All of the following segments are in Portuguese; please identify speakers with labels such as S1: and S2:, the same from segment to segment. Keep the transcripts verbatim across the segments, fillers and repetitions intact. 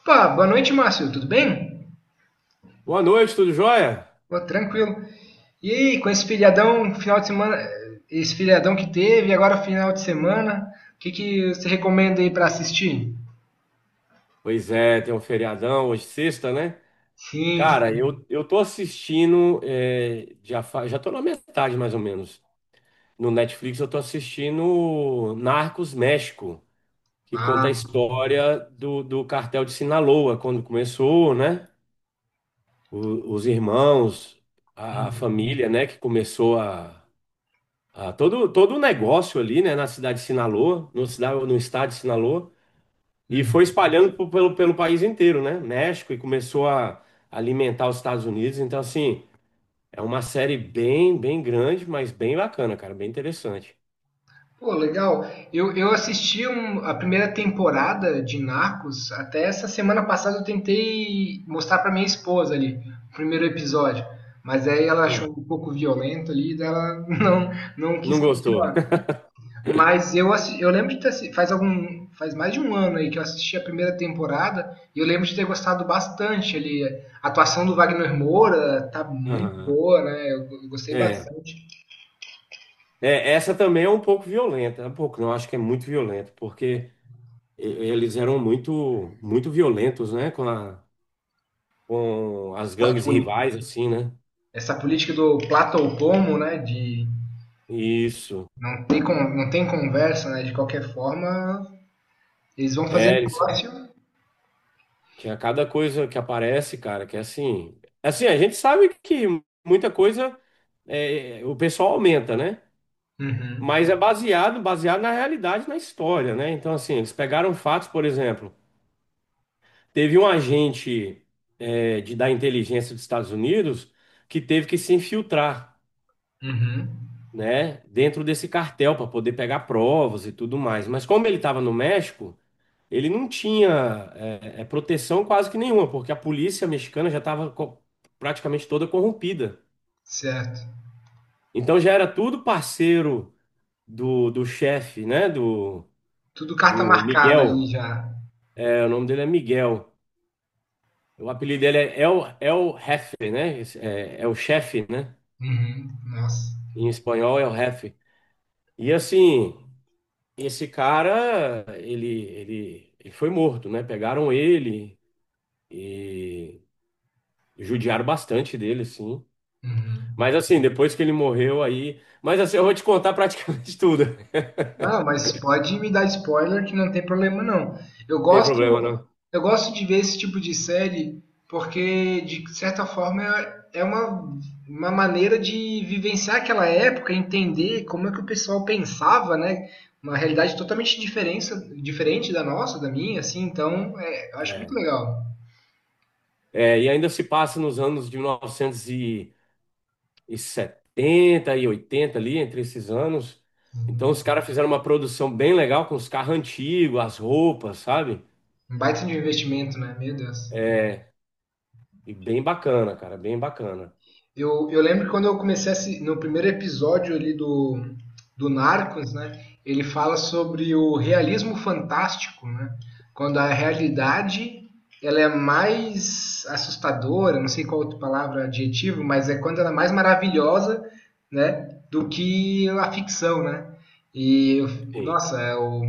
S1: Opa, boa noite, Márcio. Tudo bem?
S2: Boa noite, tudo jóia?
S1: Pô, tranquilo. E aí, com esse feriadão, final de semana, esse feriadão que teve, agora final de semana, o que que você recomenda aí para assistir?
S2: Pois é, tem um feriadão hoje, sexta, né?
S1: Sim,
S2: Cara,
S1: sim.
S2: eu, eu tô assistindo, é, já, fa- já tô na metade mais ou menos. No Netflix eu tô assistindo Narcos México, que conta a
S1: Ah,
S2: história do, do cartel de Sinaloa, quando começou, né? O- os irmãos, a, a
S1: hum,
S2: família, né, que começou a, a todo, todo o negócio ali, né, na cidade de Sinaloa, no, cida- no estado de Sinaloa. E
S1: hum.
S2: foi espalhando po- pelo, pelo país inteiro, né? México, e começou a alimentar os Estados Unidos. Então, assim, é uma série bem, bem grande, mas bem bacana, cara, bem interessante.
S1: Pô, legal. Eu, eu assisti um- a primeira temporada de Narcos. Até essa semana passada eu tentei mostrar pra minha esposa ali, o primeiro episódio. Mas aí ela achou
S2: Ah,
S1: um pouco violento ali, daí ela não, não quis
S2: não gostou?
S1: continuar. Mas eu, assi- eu lembro de ter assi- faz algum faz mais de um ano aí que eu assisti a primeira temporada e eu lembro de ter gostado bastante ali. A atuação do Wagner Moura tá muito
S2: Aham.
S1: boa, né? Eu, eu gostei
S2: É.
S1: bastante.
S2: É, essa também é um pouco violenta, um pouco, não, acho que é muito violenta, porque e- eles eram muito, muito violentos, né, com a, com as
S1: Essa,
S2: gangues
S1: poli-
S2: rivais, assim, né?
S1: essa política do plata ou pomo, né? De
S2: Isso.
S1: não tem con- não tem conversa, né? De qualquer forma, eles vão fazer
S2: É, eles
S1: negócio.
S2: tinha cada coisa que aparece, cara, que é assim. Assim, a gente sabe que muita coisa é, o pessoal aumenta, né?
S1: Uhum,
S2: Mas é baseado, baseado na realidade, na história, né? Então, assim, eles pegaram fatos, por exemplo, teve um agente é, de, da inteligência dos Estados Unidos que teve que se infiltrar,
S1: uhum,
S2: né, dentro desse cartel para poder pegar provas e tudo mais. Mas como ele estava no México, ele não tinha é, é, proteção quase que nenhuma, porque a polícia mexicana já estava praticamente toda corrompida.
S1: certo.
S2: Então já era tudo parceiro do, do chefe, né? Do,
S1: Tudo carta
S2: do
S1: marcada ali
S2: Miguel.
S1: já.
S2: É, o nome dele é Miguel. O apelido dele é El, El Jefe, né? É, é o chefe, né?
S1: Uhum, nossa.
S2: Em espanhol é o jefe. E assim, esse cara, ele, ele, ele foi morto, né? Pegaram ele e judiaram bastante dele, assim.
S1: Uhum.
S2: Mas assim, depois que ele morreu aí. Mas assim, eu vou te contar praticamente tudo. Não
S1: Ah, mas pode me dar spoiler que não tem problema não. Eu
S2: tem problema,
S1: gosto,
S2: não.
S1: eu gosto de ver esse tipo de série porque de certa forma é é uma, uma maneira de vivenciar aquela época, entender como é que o pessoal pensava, né? Uma realidade totalmente diferença, diferente da nossa, da minha, assim, então é, eu acho muito legal.
S2: É, e ainda se passa nos anos de mil novecentos e setenta e oitenta ali, entre esses anos. Então os
S1: Uhum.
S2: caras fizeram uma produção bem legal com os carros antigos, as roupas, sabe?
S1: Um baita de um investimento, né? Meu Deus.
S2: E bem bacana, cara, bem bacana.
S1: Eu, eu lembro que quando eu comecei a assi- no primeiro episódio ali do, do Narcos, né? Ele fala sobre o realismo fantástico, né? Quando a realidade ela é mais assustadora, não sei qual outra palavra, adjetivo, mas é quando ela é mais maravilhosa, né? Do que a ficção, né? E eu-
S2: Sim.
S1: Nossa, é o,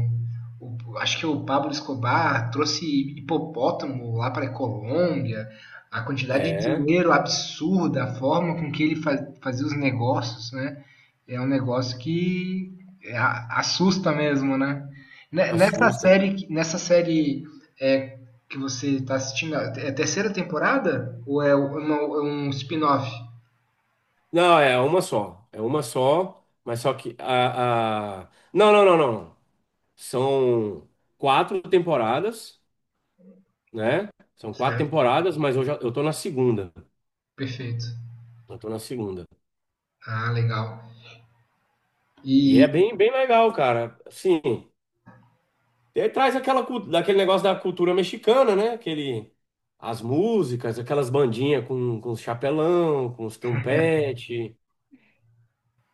S1: o- acho que o Pablo Escobar trouxe hipopótamo lá para a Colômbia, a quantidade de
S2: É,
S1: dinheiro absurda, a forma com que ele fa- fazia os negócios, né? É um negócio que é, a- assusta mesmo, né? Ne- Nessa
S2: assusta.
S1: série, que- nessa série é, que você está assistindo, é a terceira temporada ou é uma- é um spin-off?
S2: Não, é uma só. É uma só, mas só que a, a... não, não, não, não. São quatro temporadas, né? São quatro
S1: Certo.
S2: temporadas, mas eu já eu tô na segunda.
S1: Perfeito.
S2: Eu tô na segunda.
S1: Ah, legal.
S2: E é
S1: E
S2: bem, bem legal, cara. Assim, ele traz aquela, cu- daquele negócio da cultura mexicana, né? Aquele, as músicas, aquelas bandinhas com, com os chapelão, com os trompete.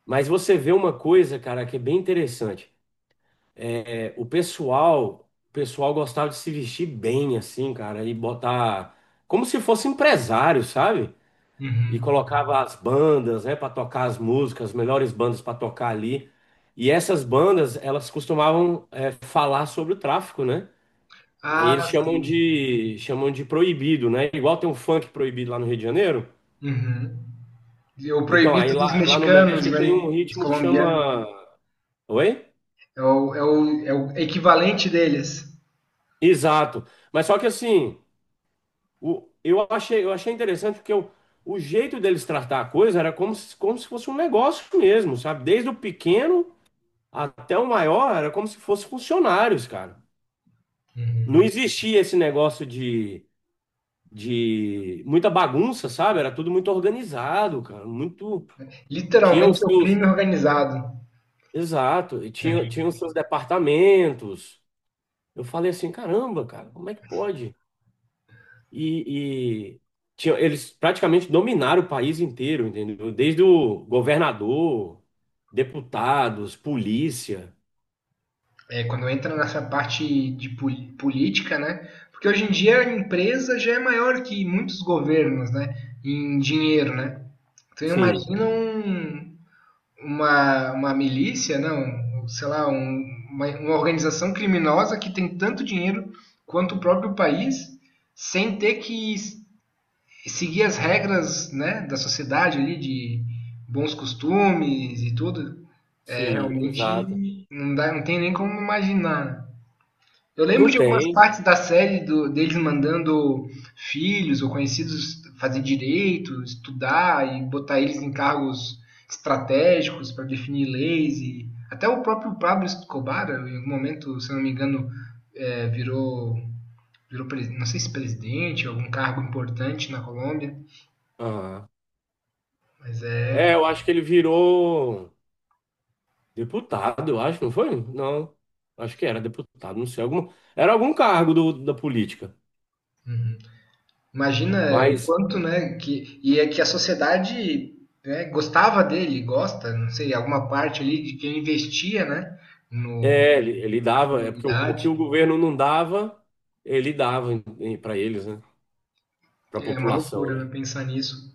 S2: Mas você vê uma coisa, cara, que é bem interessante. É, é, o pessoal, o pessoal gostava de se vestir bem, assim, cara, e botar como se fosse empresário, sabe? E
S1: Uhum.
S2: colocava as bandas, né, para tocar as músicas, as melhores bandas para tocar ali. E essas bandas, elas costumavam é, falar sobre o tráfico, né? E aí eles
S1: Ah,
S2: chamam
S1: sim.
S2: de chamam de proibido, né? Igual tem um funk proibido lá no Rio de Janeiro.
S1: Uhum. E O
S2: Então, aí
S1: proibido dos
S2: lá, lá no
S1: mexicanos,
S2: México tem
S1: né?
S2: um
S1: Dos
S2: ritmo que
S1: colombianos.
S2: chama. Oi?
S1: É o, é o, é o equivalente deles.
S2: Exato. Mas só que assim, o, eu achei, eu achei interessante porque eu, o jeito deles tratar a coisa era como se, como se fosse um negócio mesmo, sabe? Desde o pequeno até o maior era como se fosse funcionários, cara. Não
S1: Uhum.
S2: existia esse negócio de, de muita bagunça, sabe? Era tudo muito organizado, cara. Muito. Tinha os
S1: Literalmente é o
S2: seus.
S1: crime organizado.
S2: Exato. E tinha, tinha
S1: É.
S2: os seus departamentos. Eu falei assim, caramba, cara, como é que pode? E, e tinha, eles praticamente dominaram o país inteiro, entendeu? Desde o governador, deputados, polícia.
S1: É, quando entra nessa parte de pol- política, né? Porque hoje em dia a empresa já é maior que muitos governos, né? Em dinheiro, né? Então
S2: Sim,
S1: imagina um- uma, uma milícia, não, sei lá, um- uma, uma organização criminosa que tem tanto dinheiro quanto o próprio país, sem ter que seguir as regras né, da sociedade ali, de bons costumes e tudo, é,
S2: sim, exato.
S1: realmente não, dá, não tem nem como imaginar. Eu lembro
S2: Não
S1: de algumas
S2: tem.
S1: partes da série do, deles mandando filhos ou conhecidos fazer direito, estudar e botar eles em cargos estratégicos para definir leis e até o próprio Pablo Escobar, em algum momento, se eu não me engano, é, virou, virou presi- não sei se presidente, algum cargo importante na Colômbia.
S2: Ah.
S1: Mas
S2: É,
S1: é.
S2: eu acho que ele virou deputado, eu acho, não foi? Não, acho que era deputado, não sei, algum, era algum cargo do- da política.
S1: Imagina o
S2: Mas
S1: quanto, né? Que, e é que a sociedade né, gostava dele, gosta, não sei, alguma parte ali de quem investia, né? No,
S2: é, ele, ele
S1: na
S2: dava, é porque o, o que
S1: comunidade.
S2: o governo não dava, ele dava para eles, né? Para a
S1: É uma
S2: população,
S1: loucura,
S2: né?
S1: né? Pensar nisso.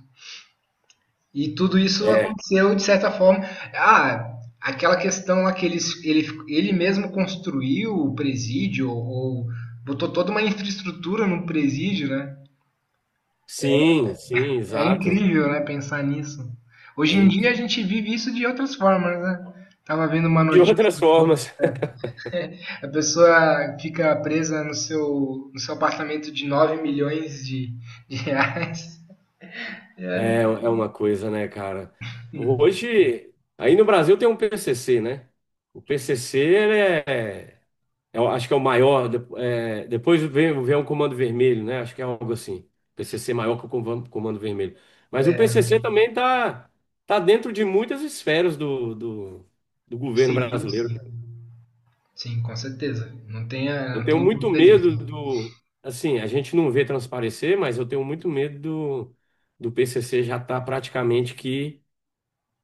S1: E tudo isso
S2: É.
S1: aconteceu de certa forma. Ah, aquela questão lá que ele, ele, ele mesmo construiu o presídio, ou botou toda uma infraestrutura no presídio, né?
S2: Sim, sim,
S1: É
S2: exato.
S1: incrível, né, pensar nisso. Hoje
S2: É
S1: em dia
S2: incrível.
S1: a gente vive isso de outras formas, né? Tava vendo uma
S2: De
S1: notícia,
S2: outras formas.
S1: a pessoa fica presa no seu, no seu apartamento de nove milhões de, de reais. É.
S2: É, é uma coisa, né, cara? Hoje, aí no Brasil tem um P C C, né? O P C C, é o- acho que é o maior. De- é, depois vem, vem o Comando Vermelho, né? Acho que é algo assim. P C C maior que o Covan- Comando Vermelho. Mas o
S1: É,
S2: P C C também tá tá dentro de muitas esferas do, do, do governo
S1: sim,
S2: brasileiro.
S1: sim, sim, com certeza. Não tenha,
S2: Eu
S1: não
S2: tenho
S1: tenha
S2: muito
S1: dúvida disso.
S2: medo do. Assim, a gente não vê transparecer, mas eu tenho muito medo do, do P C C já estar praticamente que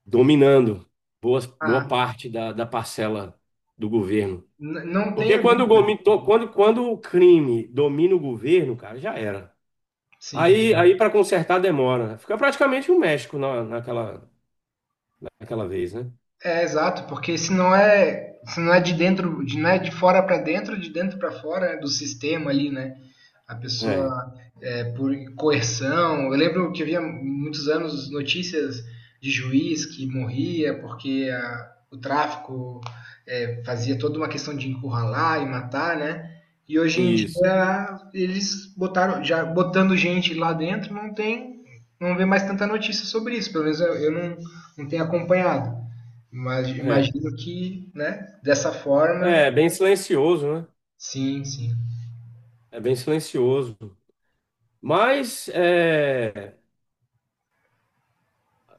S2: dominando boas, boa
S1: Ah,
S2: parte da, da parcela do governo.
S1: n- não
S2: Porque
S1: tenha
S2: quando o,
S1: dúvida.
S2: gomi- to- quando, quando o crime domina o governo, cara, já era. Aí,
S1: Sim.
S2: aí para consertar demora, né? Fica praticamente o México na, naquela, naquela vez, né?
S1: É exato, porque se não é, se não é de dentro, de, não é de fora para dentro, de dentro para fora, né, do sistema ali, né? A
S2: É,
S1: pessoa é, por coerção. Eu lembro que havia muitos anos notícias de juiz que morria porque a, o tráfico é, fazia toda uma questão de encurralar e matar, né? E hoje em
S2: isso.
S1: dia eles botaram, já botando gente lá dentro, não tem, não vê mais tanta notícia sobre isso. Pelo menos eu, eu não, não tenho acompanhado. Mas
S2: É
S1: imagino que, né? Dessa forma,
S2: é bem silencioso, né?
S1: sim, sim.
S2: É bem silencioso. Mas é,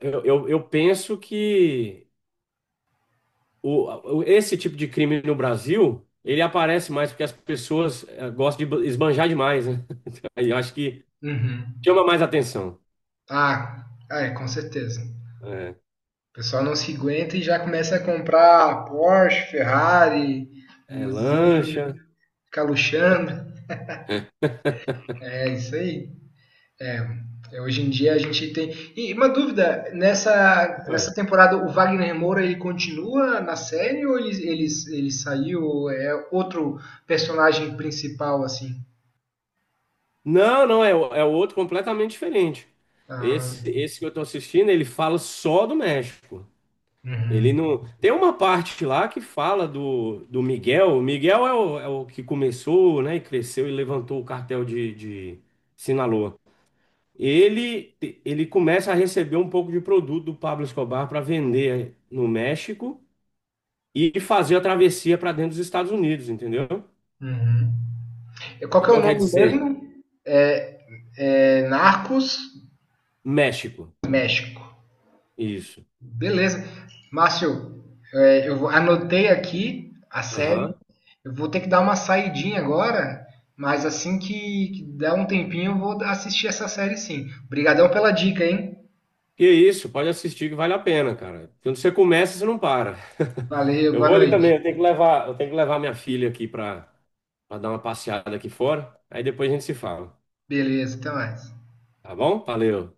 S2: eu, eu, eu penso que o, o- esse tipo de crime no Brasil, ele aparece mais porque as pessoas é, gostam de esbanjar demais, né? Aí eu acho que
S1: Uhum.
S2: chama mais atenção.
S1: Ah, ah, é, com certeza.
S2: É,
S1: O pessoal não se aguenta e já começa a comprar Porsche, Ferrari,
S2: é
S1: Lamborghini,
S2: lancha.
S1: ficar luxando. É isso aí. É, hoje em dia a gente tem. E uma dúvida, nessa, nessa temporada o Wagner Moura ele continua na série ou ele, ele, ele saiu? É outro personagem principal, assim?
S2: Não, não, é, o- é outro completamente diferente. Esse,
S1: Ah,
S2: esse que eu tô assistindo, ele fala só do México. Ele
S1: uhum,
S2: não. Tem uma parte lá que fala do, do Miguel. O Miguel é o, é o que começou, né, e cresceu e levantou o cartel de, de Sinaloa. Ele, ele começa a receber um pouco de produto do Pablo Escobar para vender no México e fazer a travessia para dentro dos Estados Unidos, entendeu?
S1: uhum. Qual que é
S2: Então
S1: o
S2: quer
S1: nome
S2: dizer,
S1: mesmo? É, é Narcos
S2: México.
S1: México.
S2: Isso.
S1: Beleza. Márcio, é, eu vou- anotei aqui a série.
S2: Aham.
S1: Eu vou ter que dar uma saidinha agora, mas assim que, que der um tempinho eu vou assistir essa série sim. Obrigadão pela dica, hein?
S2: Que isso, pode assistir que vale a pena, cara. Quando você começa, você não para.
S1: Valeu,
S2: Eu
S1: boa
S2: vou ali também,
S1: noite.
S2: eu tenho que levar, eu tenho que levar minha filha aqui para dar uma passeada aqui fora. Aí depois a gente se fala,
S1: Beleza, até mais.
S2: tá bom? Valeu.